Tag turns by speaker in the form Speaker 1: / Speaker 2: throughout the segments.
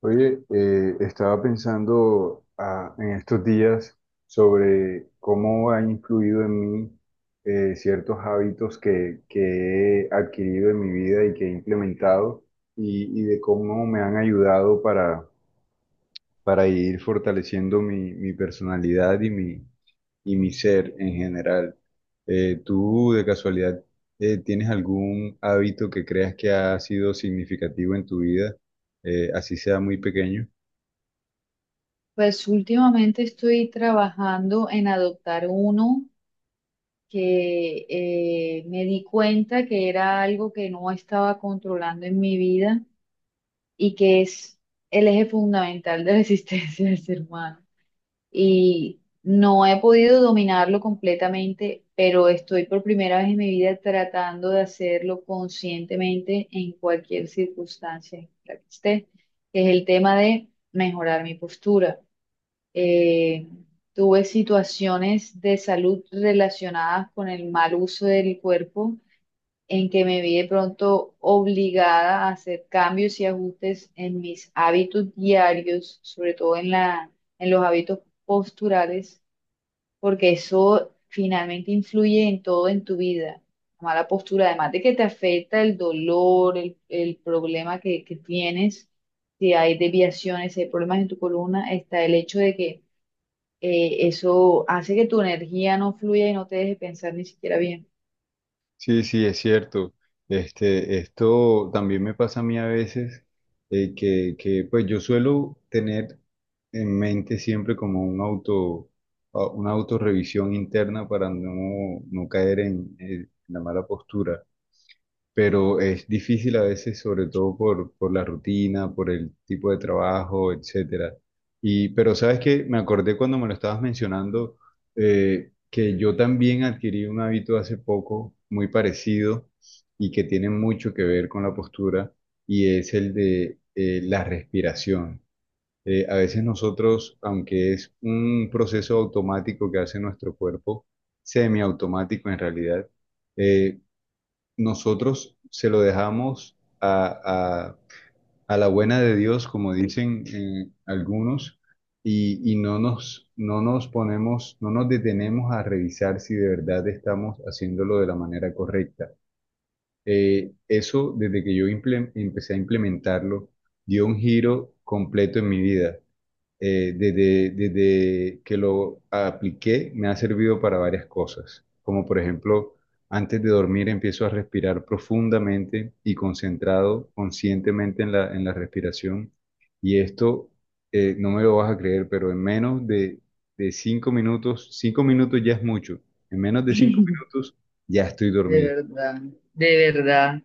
Speaker 1: Oye, estaba pensando en estos días sobre cómo han influido en mí, ciertos hábitos que he adquirido en mi vida y que he implementado, y de cómo me han ayudado para ir fortaleciendo mi personalidad y y mi ser en general. ¿Tú de casualidad tienes algún hábito que creas que ha sido significativo en tu vida, así sea muy pequeño?
Speaker 2: Pues últimamente estoy trabajando en adoptar uno que me di cuenta que era algo que no estaba controlando en mi vida y que es el eje fundamental de la existencia del ser humano. Y no he podido dominarlo completamente, pero estoy por primera vez en mi vida tratando de hacerlo conscientemente en cualquier circunstancia en la que esté, que es el tema de mejorar mi postura. eh, Tuve situaciones de salud relacionadas con el mal uso del cuerpo, en que me vi de pronto obligada a hacer cambios y ajustes en mis hábitos diarios, sobre todo en en los hábitos posturales, porque eso finalmente influye en todo en tu vida. La mala postura, además de que te afecta el dolor, el problema que tienes, si hay desviaciones, si hay problemas en tu columna, está el hecho de que eso hace que tu energía no fluya y no te deje pensar ni siquiera bien.
Speaker 1: Sí, sí, es cierto. Esto también me pasa a mí a veces, pues yo suelo tener en mente siempre como un auto, una autorrevisión interna para no caer en la mala postura, pero es difícil a veces, sobre todo por la rutina, por el tipo de trabajo, etcétera. Pero sabes que me acordé cuando me lo estabas mencionando. Que yo también adquirí un hábito hace poco muy parecido, y que tiene mucho que ver con la postura, y es el de la respiración. A veces nosotros, aunque es un proceso automático que hace nuestro cuerpo, semiautomático en realidad, eh, nosotros se lo dejamos a la buena de Dios, como dicen algunos, y no nos ponemos, no nos detenemos a revisar si de verdad estamos haciéndolo de la manera correcta. Eso, desde que yo empecé a implementarlo, dio un giro completo en mi vida. Desde que lo apliqué me ha servido para varias cosas, como por ejemplo, antes de dormir empiezo a respirar profundamente y concentrado, conscientemente en en la respiración. Y esto, no me lo vas a creer, pero en de cinco minutos ya es mucho, en menos de cinco minutos ya estoy
Speaker 2: De
Speaker 1: dormido.
Speaker 2: verdad, de verdad,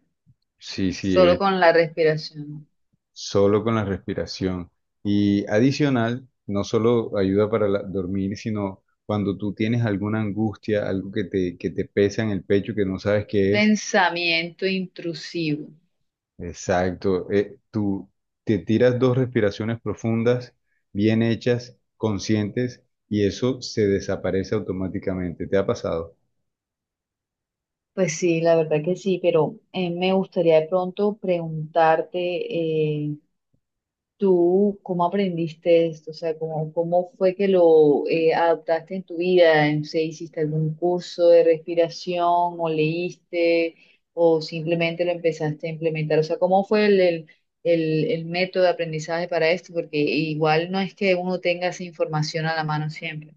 Speaker 1: Sí, sí,
Speaker 2: solo con la respiración.
Speaker 1: solo con la respiración. Y adicional, no solo ayuda para dormir, sino cuando tú tienes alguna angustia, algo que te pesa en el pecho, que no sabes qué es,
Speaker 2: Pensamiento intrusivo.
Speaker 1: exacto. Tú te tiras dos respiraciones profundas, bien hechas, conscientes, y eso se desaparece automáticamente. ¿Te ha pasado?
Speaker 2: Pues sí, la verdad que sí, pero me gustaría de pronto preguntarte, ¿tú cómo aprendiste esto? O sea, ¿cómo fue que lo adaptaste en tu vida? No sé, ¿hiciste algún curso de respiración o leíste o simplemente lo empezaste a implementar? O sea, ¿cómo fue el método de aprendizaje para esto? Porque igual no es que uno tenga esa información a la mano siempre.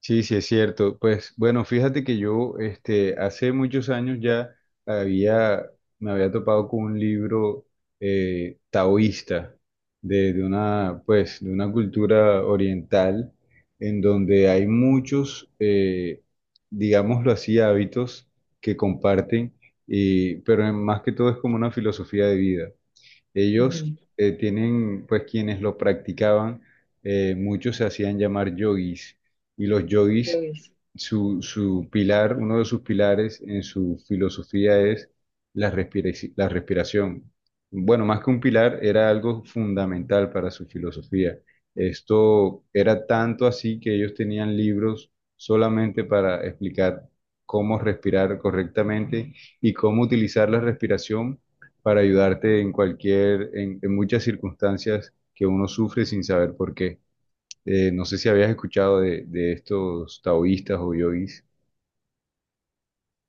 Speaker 1: Sí, sí, es cierto. Pues bueno, fíjate que yo hace muchos años ya había, me había topado con un libro taoísta de una, pues, de una cultura oriental, en donde hay muchos, digámoslo así, hábitos que comparten. Pero más que todo es como una filosofía de vida. Ellos
Speaker 2: Ujú.
Speaker 1: tienen, pues quienes lo practicaban, muchos se hacían llamar yogis, y los
Speaker 2: Yo
Speaker 1: yogis, su pilar, uno de sus pilares en su filosofía es la la respiración. Bueno, más que un pilar, era algo fundamental para su filosofía. Esto era tanto así que ellos tenían libros solamente para explicar cómo respirar correctamente y cómo utilizar la respiración para ayudarte en cualquier, en muchas circunstancias que uno sufre sin saber por qué. No sé si habías escuchado de estos taoístas o yogis.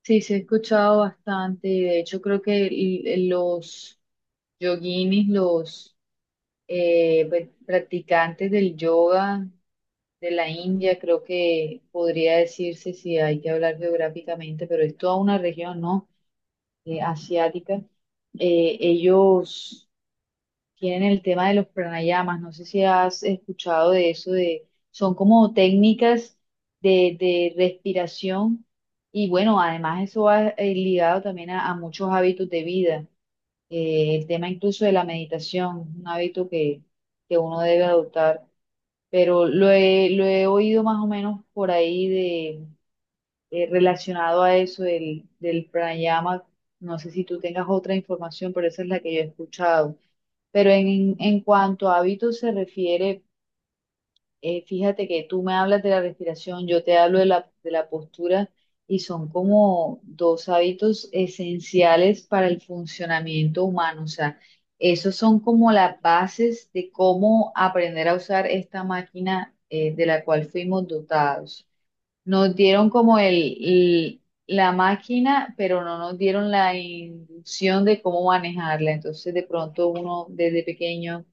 Speaker 2: sí, sí he escuchado bastante, de hecho creo que los yoguinis, los pues, practicantes del yoga de la India, creo que podría decirse si hay que hablar geográficamente, pero es toda una región, ¿no? Asiática. Ellos tienen el tema de los pranayamas. No sé si has escuchado de eso, de, son como técnicas de respiración y bueno, además eso va ligado también a muchos hábitos de vida. El tema incluso de la meditación, un hábito que uno debe adoptar, pero lo he oído más o menos por ahí de, relacionado a eso del pranayama. No sé si tú tengas otra información, pero esa es la que yo he escuchado. Pero en cuanto a hábitos se refiere, fíjate que tú me hablas de la respiración, yo te hablo de de la postura y son como dos hábitos esenciales para el funcionamiento humano. O sea, esos son como las bases de cómo aprender a usar esta máquina, de la cual fuimos dotados. Nos dieron como el- la máquina, pero no nos dieron la inducción de cómo manejarla. Entonces, de pronto uno desde pequeño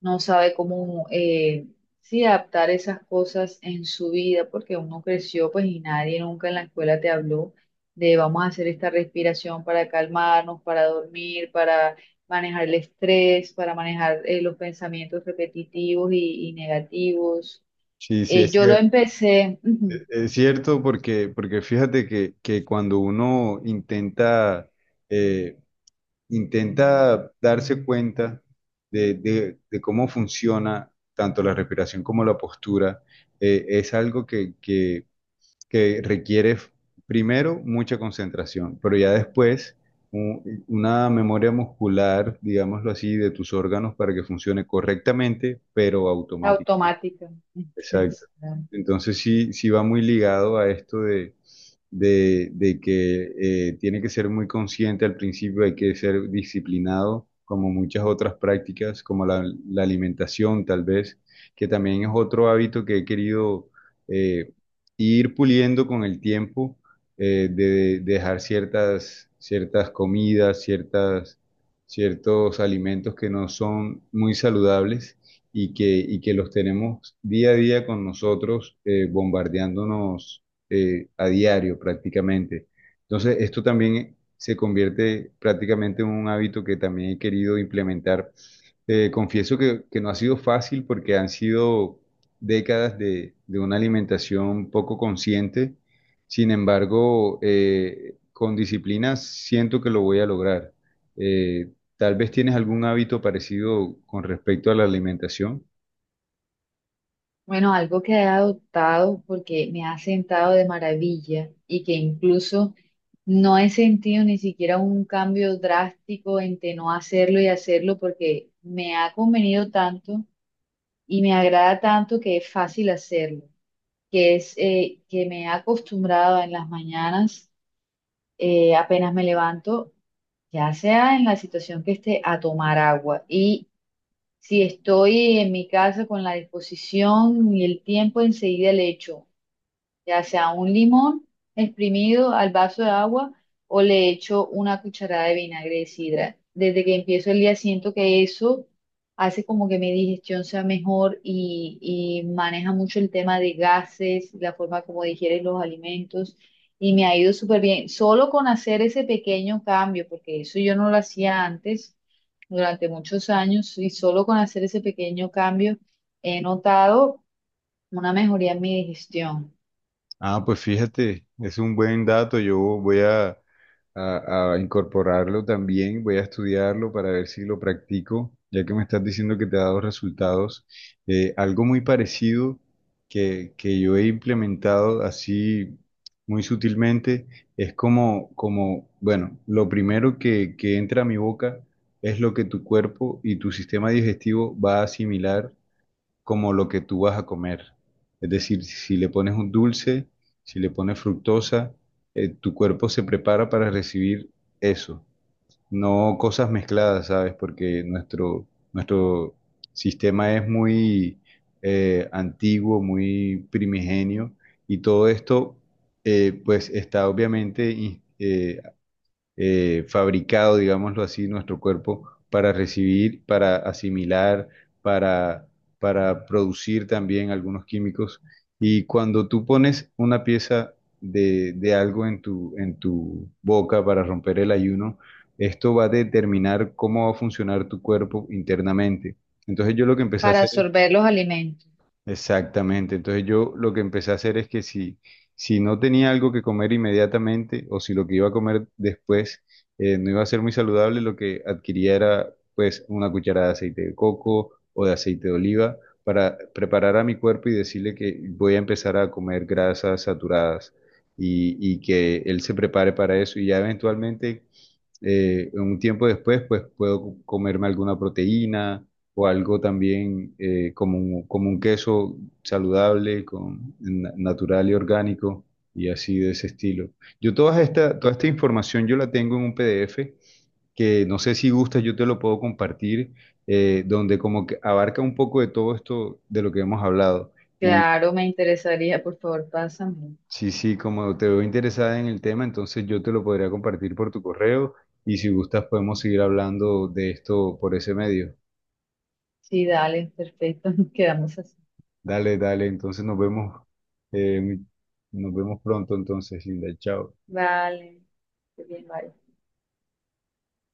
Speaker 2: no sabe cómo sí adaptar esas cosas en su vida, porque uno creció pues y nadie nunca en la escuela te habló de vamos a hacer esta respiración para calmarnos, para dormir, para manejar el estrés, para manejar los pensamientos repetitivos y negativos.
Speaker 1: Sí, sí, es
Speaker 2: Yo lo
Speaker 1: cierto,
Speaker 2: empecé ujú,
Speaker 1: es cierto, porque, porque fíjate que cuando uno intenta, eh, intenta darse cuenta de cómo funciona tanto la respiración como la postura. Es algo que requiere primero mucha concentración, pero ya después u- una memoria muscular, digámoslo así, de tus órganos para que funcione correctamente, pero automáticamente.
Speaker 2: automática.
Speaker 1: Exacto. Entonces sí, sí va muy ligado a esto de que tiene que ser muy consciente al principio, hay que ser disciplinado, como muchas otras prácticas, como la alimentación tal vez, que también es otro hábito que he querido eh, ir puliendo con el tiempo, de dejar ciertas, ciertas comidas, ciertas, ciertos alimentos que no son muy saludables, y y que los tenemos día a día con nosotros, bombardeándonos a diario prácticamente. Entonces, esto también se convierte prácticamente en un hábito que también he querido implementar. Confieso que no ha sido fácil porque han sido décadas de una alimentación poco consciente. Sin embargo, con disciplina siento que lo voy a lograr. ¿Tal vez tienes algún hábito parecido con respecto a la alimentación?
Speaker 2: Bueno, algo que he adoptado porque me ha sentado de maravilla y que incluso no he sentido ni siquiera un cambio drástico entre no hacerlo y hacerlo porque me ha convenido tanto y me agrada tanto que es fácil hacerlo, que es que me he acostumbrado en las mañanas, apenas me levanto, ya sea en la situación que esté, a tomar agua. Y si estoy en mi casa con la disposición y el tiempo, enseguida le echo ya sea un limón exprimido al vaso de agua o le echo una cucharada de vinagre de sidra. Desde que empiezo el día siento que eso hace como que mi digestión sea mejor y maneja mucho el tema de gases, la forma como digieres los alimentos y me ha ido súper bien. Solo con hacer ese pequeño cambio, porque eso yo no lo hacía antes durante muchos años, y solo con hacer ese pequeño cambio he notado una mejoría en mi digestión.
Speaker 1: Ah, pues fíjate, es un buen dato. Yo voy a incorporarlo también, voy a estudiarlo para ver si lo practico, ya que me estás diciendo que te ha dado resultados. Algo muy parecido que yo he implementado así, muy sutilmente, es como, como, bueno, lo primero que entra a mi boca es lo que tu cuerpo y tu sistema digestivo va a asimilar como lo que tú vas a comer. Es decir, si le pones un dulce, si le pones fructosa, tu cuerpo se prepara para recibir eso, no cosas mezcladas, ¿sabes? Porque nuestro sistema es muy antiguo, muy primigenio, y todo esto pues está obviamente fabricado, digámoslo así, nuestro cuerpo para recibir, para asimilar, para, para producir también algunos químicos. Y cuando tú pones una pieza de algo en en tu boca para romper el ayuno, esto va a determinar cómo va a funcionar tu cuerpo internamente. Entonces yo lo que empecé a
Speaker 2: Para
Speaker 1: hacer es...
Speaker 2: absorber los alimentos.
Speaker 1: Exactamente. Entonces yo lo que empecé a hacer es que si, si no tenía algo que comer inmediatamente, o si lo que iba a comer después no iba a ser muy saludable, lo que adquiría era pues una cucharada de aceite de coco o de aceite de oliva, para preparar a mi cuerpo y decirle que voy a empezar a comer grasas saturadas, y que él se prepare para eso, y ya eventualmente, un tiempo después, pues puedo comerme alguna proteína o algo también como un queso saludable, con, natural y orgánico, y así de ese estilo. Yo toda esta información yo la tengo en un PDF que no sé si gusta, yo te lo puedo compartir, donde como que abarca un poco de todo esto de lo que hemos hablado.
Speaker 2: Claro, me interesaría, por favor, pásame.
Speaker 1: Sí, sí, como te veo interesada en el tema, entonces yo te lo podría compartir por tu correo, y si gustas podemos seguir hablando de esto por ese medio.
Speaker 2: Sí, dale, perfecto, quedamos así.
Speaker 1: Dale, dale, entonces eh, nos vemos pronto entonces, Linda, chao.
Speaker 2: Vale, qué bien, vale.